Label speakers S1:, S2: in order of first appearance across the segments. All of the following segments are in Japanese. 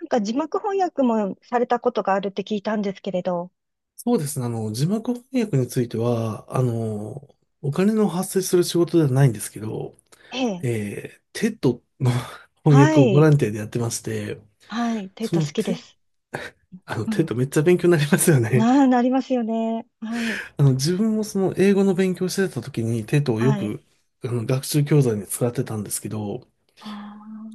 S1: なんか字幕翻訳もされたことがあるって聞いたんですけれど。
S2: そうですね。字幕翻訳については、お金の発生する仕事ではないんですけど、
S1: ええ。
S2: テッドの 翻
S1: は
S2: 訳をボラ
S1: い。
S2: ンティアでやってまして、
S1: はい。テッ
S2: そ
S1: ド
S2: の
S1: 好きで
S2: テ、
S1: す。
S2: あの、
S1: う
S2: テッ
S1: ん。
S2: ドめっちゃ勉強になりますよね。
S1: なあ、なりますよね。はい。
S2: 自分もその英語の勉強してた時にテッドをよ
S1: はい。
S2: く、学習教材に使ってたんですけど、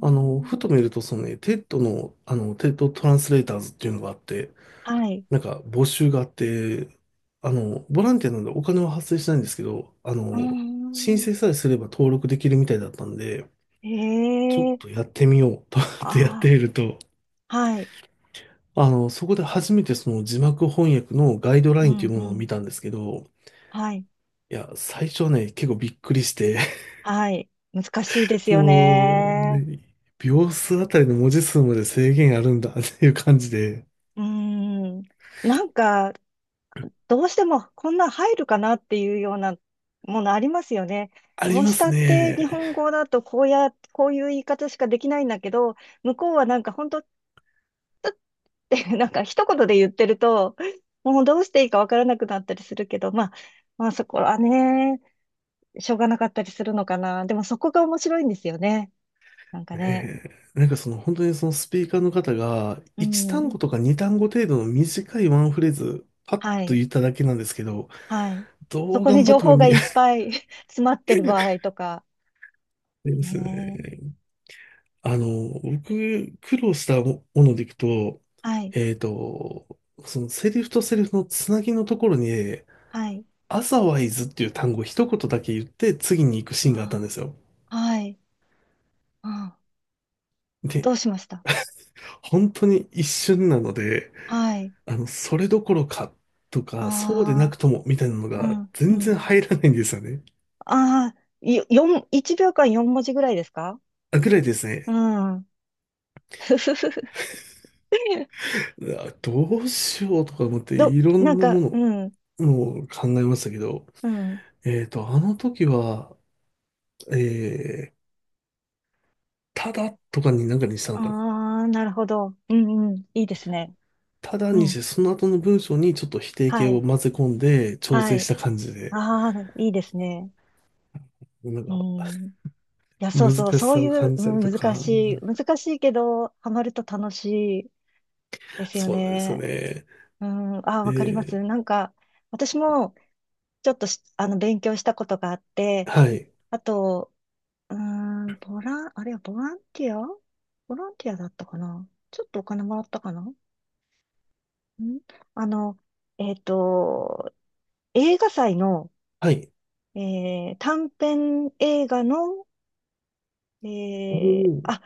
S2: ふと見るとそのね、テッドの、テッドトランスレーターズっていうのがあって、
S1: あ。はい。
S2: なんか募集があって、ボランティアなんでお金は発生しないんですけど、
S1: うー
S2: 申
S1: ん。
S2: 請さえすれば登録できるみたいだったんで、ちょっ
S1: ええ。
S2: とやってみよう と思ってやって
S1: あ
S2: みると、
S1: あ。はい。
S2: そこで初めてその字幕翻訳のガイド
S1: う
S2: ラインと
S1: ん、
S2: いうもの
S1: う
S2: を
S1: ん。
S2: 見たんですけど、
S1: はい。
S2: いや、最初はね、結構びっくりして、
S1: はい。難しいで す
S2: そ
S1: よ
S2: の、
S1: ね。
S2: ね、秒数あたりの文字数まで制限あるんだっていう感じで、
S1: うーん。なんか、どうしてもこんなん入るかなっていうようなものありますよね。
S2: あ
S1: ど
S2: り
S1: う
S2: ま
S1: した
S2: す
S1: って日
S2: ね。
S1: 本語だとこうや、こういう言い方しかできないんだけど、向こうはなんか本当って なんか一言で言ってると、もうどうしていいかわからなくなったりするけど、まあ、そこはね、しょうがなかったりするのかな。でもそこが面白いんですよね。なんかね。
S2: ええ、なんかその本当にそのスピーカーの方が
S1: う
S2: 1単
S1: ん。
S2: 語とか2単語程度の短いワンフレーズパッ
S1: は
S2: と
S1: い。
S2: 言っただけなんですけど、
S1: はい。そ
S2: どう
S1: こ
S2: 頑
S1: に
S2: 張っ
S1: 情
S2: ても
S1: 報が
S2: あ
S1: いっぱい 詰まってる場合とか。
S2: りますよ
S1: ね。
S2: ね。僕苦労したものでいくと、
S1: はい。
S2: えっと、そのセリフとセリフのつなぎのところに、
S1: はい。
S2: アザワイズっていう単語を一言だけ言って次に行くシーンがあったんで
S1: あ
S2: すよ。
S1: ー、はい。うん。
S2: で、
S1: どうしました。
S2: 本当に一瞬なので、
S1: はい。
S2: それどころかとか、そうでな
S1: ああ、
S2: くともみたいなの
S1: う
S2: が
S1: ん、う
S2: 全
S1: ん。
S2: 然入らないんですよね。
S1: ああ、よ四、1秒間4文字ぐらいですか。
S2: あ、ぐらいです
S1: う
S2: ね。
S1: ん。ふふふふ、
S2: うわどうしようとか思って
S1: ど、
S2: いろ
S1: な
S2: ん
S1: ん
S2: な
S1: か、
S2: も
S1: うん、
S2: のを考えましたけど、
S1: うん。
S2: あの時は、えー、ただとかになんかにしたのかな。
S1: ああ、なるほど。うん、うん。いいですね。
S2: ただ
S1: う
S2: にし
S1: ん。
S2: て、その後の文章にちょっと否定
S1: は
S2: 形
S1: い。
S2: を混ぜ込んで調
S1: は
S2: 整し
S1: い。
S2: た感じで、
S1: ああ、いいですね。
S2: なん
S1: う
S2: か
S1: ん。いや、そう
S2: 難
S1: そう、
S2: し
S1: そう
S2: さ
S1: い
S2: を
S1: う、
S2: 感じたり
S1: うん、
S2: と
S1: 難
S2: か、
S1: しい、難しいけど、ハマると楽しいですよ
S2: そうなんですよ
S1: ね。
S2: ね。
S1: うん。ああ、わかりま
S2: で、
S1: す。なんか、私も、ちょっとしあの、勉強したことがあって、
S2: はい。
S1: あと、うーん、ボラン、あれはボランティアだったかなちょっとお金もらったかなん、あの、えっと、映画祭の、
S2: はい。
S1: 短編映画の、
S2: お
S1: えー、
S2: ー、
S1: あ、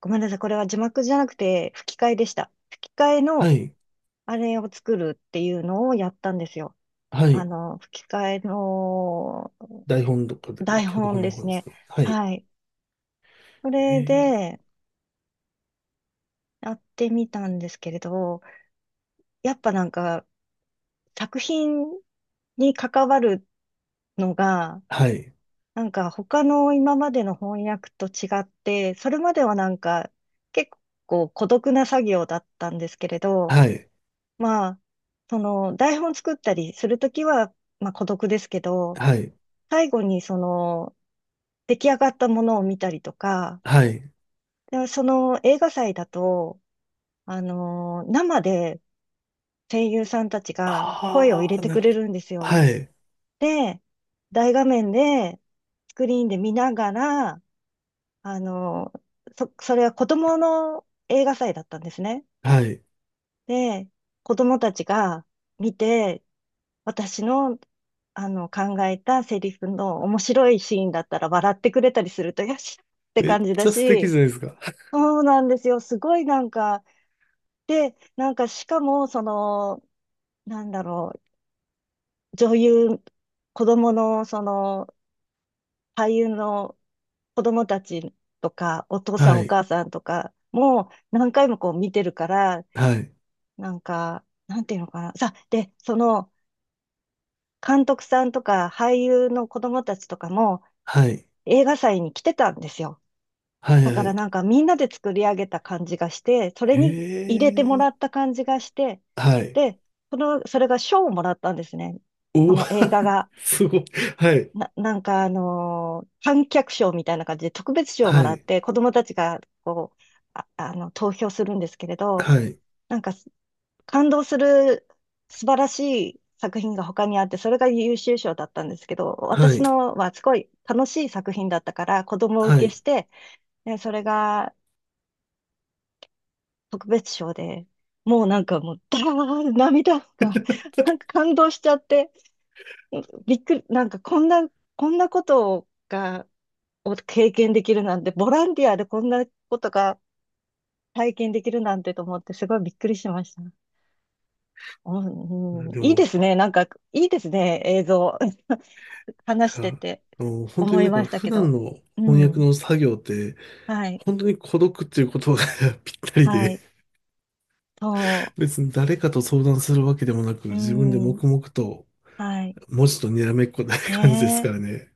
S1: ごめんなさい。これは字幕じゃなくて吹き替えでした。吹き替え
S2: は
S1: の
S2: い。
S1: あれを作るっていうのをやったんですよ。
S2: は
S1: あ
S2: い。
S1: の、吹き替えの
S2: 台本とかで、
S1: 台
S2: 脚
S1: 本
S2: 本
S1: で
S2: の方
S1: す
S2: で
S1: ね。
S2: すね。はい。
S1: はい。そ
S2: え
S1: れ
S2: ー、
S1: でやってみたんですけれど、やっぱなんか作品に関わるのが、
S2: はい。
S1: なんか他の今までの翻訳と違って、それまではなんか結構孤独な作業だったんですけれど、
S2: はい。
S1: まあ、その台本作ったりするときは、まあ孤独ですけど、
S2: はい。
S1: 最後にその出来上がったものを見たりとか、
S2: はい。
S1: でその映画祭だと、あの、生で声優さんたちが声を入
S2: あ
S1: れ
S2: あ、
S1: て
S2: なる
S1: く
S2: ほ
S1: れ
S2: ど。
S1: るんですよ。
S2: はい。
S1: で、大画面で、スクリーンで見ながら、あの、そ、それは子供の映画祭だったんですね。
S2: はい。
S1: で、子供たちが見て、私の、あの、考えたセリフの面白いシーンだったら笑ってくれたりすると、よしって
S2: めっ
S1: 感じだ
S2: ちゃ素敵じ
S1: し、
S2: ゃないですか。
S1: そうなんですよ。すごいなんか、で、なんかしかも、その、なんだろう、女優、子供の、その、俳優の子供たちとか、お父さ
S2: は
S1: んお
S2: い。
S1: 母さんとかも何回もこう見てるから、
S2: はい。
S1: なんか、なんていうのかな。さ、で、その、監督さんとか俳優の子供たちとかも
S2: はい。
S1: 映画祭に来てたんですよ。
S2: はい。
S1: だか
S2: は
S1: ら
S2: い。
S1: なんかみんなで作り上げた感じがして、それ
S2: へ
S1: に入れてもら
S2: え。
S1: った感じがして、
S2: はい。
S1: で、その、それが賞をもらったんですね。こ
S2: おー
S1: の映画が。
S2: すごい。はい。
S1: な、なんかあの観客賞みたいな感じで特別賞をも
S2: は
S1: らっ
S2: い。
S1: て子供たちがこう、あ、あの、投票するんですけれど、
S2: はい。
S1: なんかす、感動する素晴らしい作品が他にあって、それが優秀賞だったんですけど、
S2: は
S1: 私
S2: い。
S1: のはすごい楽しい作品だったから子供
S2: は
S1: 受けし
S2: い。
S1: て、でそれが特別賞で、もうなんかもう、だー、涙が、なんか感動しちゃって、びっくり、なんかこんな、こんなことが、を経験できるなんて、ボランティアでこんなことが体験できるなんてと思って、すごいびっくりしました。うん、うん、
S2: で
S1: いい
S2: も、
S1: です
S2: い
S1: ね。なんか、いいですね。映像。話し
S2: や、
S1: てて
S2: 本当
S1: 思
S2: に
S1: い
S2: なん
S1: ま
S2: か
S1: した
S2: 普
S1: け
S2: 段
S1: ど。
S2: の
S1: う
S2: 翻訳
S1: ん。
S2: の作業って、
S1: はい。
S2: 本当に孤独っていう言葉が ぴったり
S1: は
S2: で
S1: い。そ
S2: 別に誰かと相談するわけでもなく、
S1: う。う
S2: 自分で
S1: ん。
S2: 黙々と
S1: はい。
S2: 文字とにらめっこない感じです
S1: ね
S2: か
S1: え。
S2: らね。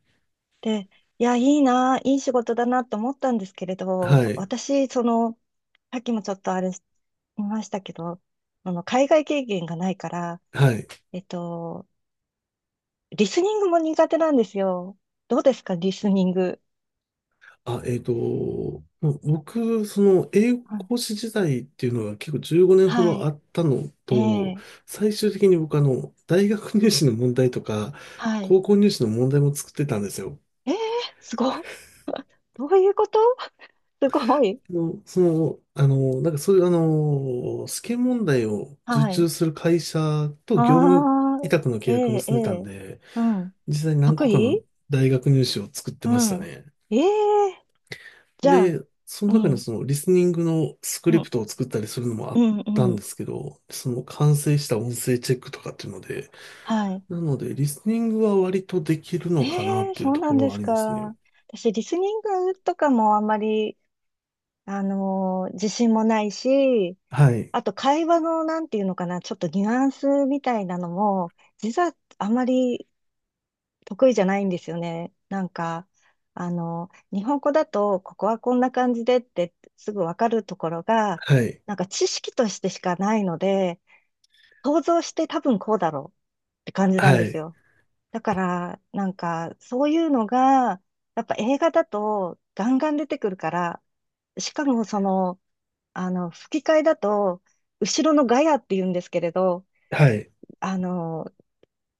S1: で、いや、いいな、いい仕事だなと思ったんですけれ
S2: は
S1: ど、
S2: い。
S1: 私、その、さっきもちょっとあれ、言いましたけど、あの、海外経験がないから、
S2: はい。
S1: えっと、リスニングも苦手なんですよ。どうですか、リスニング。
S2: あ、もう僕、その英語
S1: うん、
S2: 講師時代っていうのが結構15年ほど
S1: は
S2: あったの
S1: い。え
S2: と、
S1: え、
S2: 最終的に僕大学入試の問題とか、
S1: はい。
S2: 高校入試の問題も作ってたんですよ。
S1: ええ、すごっ。どういうこと、すごい。
S2: の、その、あの、なんかそういう試験問題を受
S1: はい。
S2: 注する会社と業務
S1: あ
S2: 委
S1: あ、
S2: 託の
S1: え
S2: 契約
S1: ええ
S2: 結んでたん
S1: え、
S2: で、
S1: うん。
S2: 実際に何
S1: 得
S2: 個かの
S1: 意、
S2: 大学入試を作ってま
S1: う
S2: した
S1: ん。
S2: ね。
S1: ええ、じゃあ、
S2: で、そ
S1: う
S2: の中に
S1: ん、
S2: そのリスニングのスク
S1: う
S2: リプ
S1: ん、
S2: トを作ったりするのもあ
S1: う
S2: っ
S1: ん、
S2: た
S1: う
S2: ん
S1: ん。
S2: ですけど、その完成した音声チェックとかっていうので、
S1: はい。
S2: なのでリスニングは割とできるのかな
S1: え
S2: っ
S1: え、
S2: ていう
S1: そう
S2: と
S1: な
S2: こ
S1: ん
S2: ろ
S1: で
S2: はあ
S1: す
S2: りますね。
S1: か。私、リスニングとかもあんまり、あの自信もないし、
S2: はい、
S1: あと会話のなんていうのかな、ちょっとニュアンスみたいなのも、実はあまり得意じゃないんですよね。なんか、あの、日本語だと、ここはこんな感じでってすぐわかるところが、
S2: はい、
S1: なんか知識としてしかないので、想像して多分こうだろうって感じなん
S2: は
S1: です
S2: い、
S1: よ。だから、なんか、そういうのが、やっぱ映画だとガンガン出てくるから、しかもその、あの、吹き替えだと、後ろのガヤって言うんですけれど、
S2: はい、
S1: あの、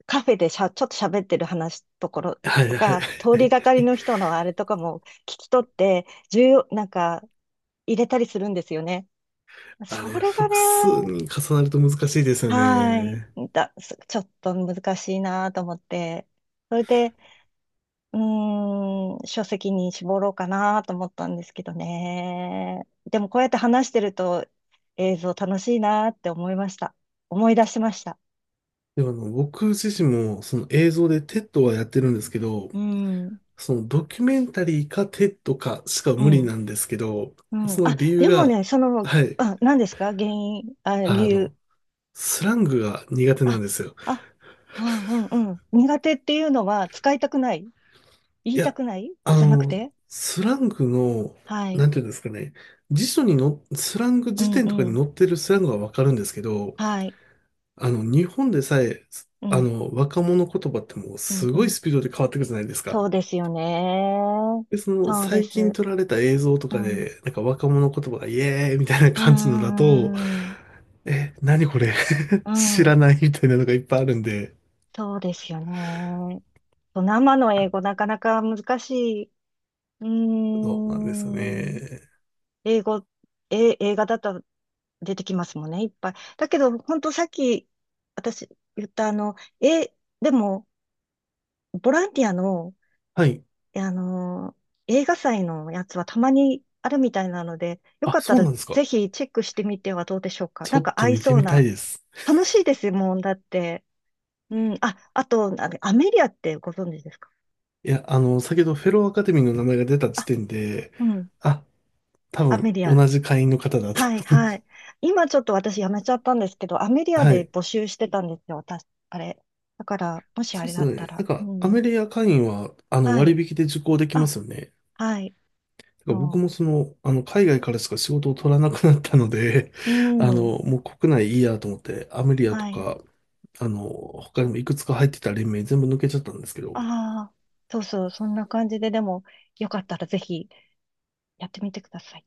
S1: カフェでしゃ、ちょっと喋ってる話ところ
S2: はい、
S1: と
S2: はい。
S1: か、通りがかり の人のあれとかも聞き取って、重要、なんか入れたりするんですよね。
S2: あれ、
S1: それがね、
S2: 複数に重なると難しいですよ
S1: はい、
S2: ね。
S1: だ、す、ちょっと難しいなと思って。それで、うーん、書籍に絞ろうかなと思ったんですけどね。でもこうやって話してると映像楽しいなって思いました。思い出しました。
S2: でも僕自身もその映像で TED はやってるんですけど、
S1: うん、う
S2: そのドキュメンタリーかテッドかしか無理
S1: ん、
S2: なんですけど、
S1: うん。
S2: その
S1: あ、
S2: 理由
S1: でも
S2: が、
S1: ね、その、
S2: はい、
S1: あ、何ですか原因、あ、理
S2: あ
S1: 由。
S2: の、スラングが苦手なん
S1: あ、
S2: ですよ。
S1: あ、あ、うんうん。苦手っていうのは使いたくない、言
S2: い
S1: いた
S2: や、
S1: くない
S2: あ
S1: じゃなく
S2: の、
S1: て、
S2: スラングの、
S1: はい。
S2: なんていうんですかね、辞書にの、スラング
S1: う
S2: 辞
S1: ん
S2: 典とか
S1: う
S2: に
S1: ん。
S2: 載ってるスラングはわかるんですけど、
S1: はい。
S2: 日本でさえ、
S1: うん、
S2: 若者言葉ってもう
S1: う
S2: す
S1: ん、う
S2: ごい
S1: ん。
S2: スピードで変わってくるじゃないですか。
S1: そうですよね。
S2: で、その
S1: そうで
S2: 最近
S1: す。
S2: 撮られた映像と
S1: う
S2: か
S1: ん、
S2: で、なんか若者言葉がイエーイみたいな
S1: うー
S2: 感じのだと、
S1: ん、
S2: え、何これ
S1: う
S2: 知
S1: ん、
S2: らないみたいなのがいっぱいあるんで、
S1: そうですよね。生の英語なかなか難しい。うー
S2: そうなんですよ
S1: ん、
S2: ね。
S1: 英語、え、映画だと出てきますもんね、いっぱい。だけど、本当さっき私言ったあの、え、でも、ボランティアの、
S2: はい。
S1: あの、映画祭のやつはたまにあるみたいなので、よ
S2: あ、
S1: かった
S2: そう
S1: ら
S2: なんですか。
S1: ぜひチェックしてみてはどうでしょうか。
S2: ち
S1: な
S2: ょ
S1: ん
S2: っ
S1: か
S2: と
S1: 合い
S2: 見て
S1: そう
S2: みた
S1: な。
S2: いです。
S1: 楽しいですもん、だって。うん。あ、あと、あれアメリアってご存知ですか。
S2: いや、先ほどフェローアカデミーの名前が出た時
S1: あ、
S2: 点で、
S1: うん。
S2: あ、多
S1: アメ
S2: 分
S1: リア。
S2: 同じ会員の方だと思
S1: はい、
S2: っ
S1: はい。
S2: て。
S1: 今ちょっと私やめちゃったんですけど、アメリア
S2: は
S1: で
S2: い。
S1: 募集してたんですよ、私、あれ。だから、もし
S2: そう
S1: あ
S2: で
S1: れ
S2: す
S1: だった
S2: ね。な
S1: ら。
S2: んか、
S1: う
S2: ア
S1: ん。
S2: メリア会員は、
S1: は
S2: 割
S1: い。
S2: 引で受講できま
S1: あ、
S2: すよね。
S1: はい。
S2: だから僕
S1: そ
S2: もその、海外からしか仕事を取らなくなったので、
S1: う。う ん。
S2: もう国内いいやと思って、アメリアと
S1: はい。
S2: か、他にもいくつか入ってた連盟全部抜けちゃったんですけど、
S1: ああ、そうそう。そんな感じで、でも、よかったらぜひやってみてください。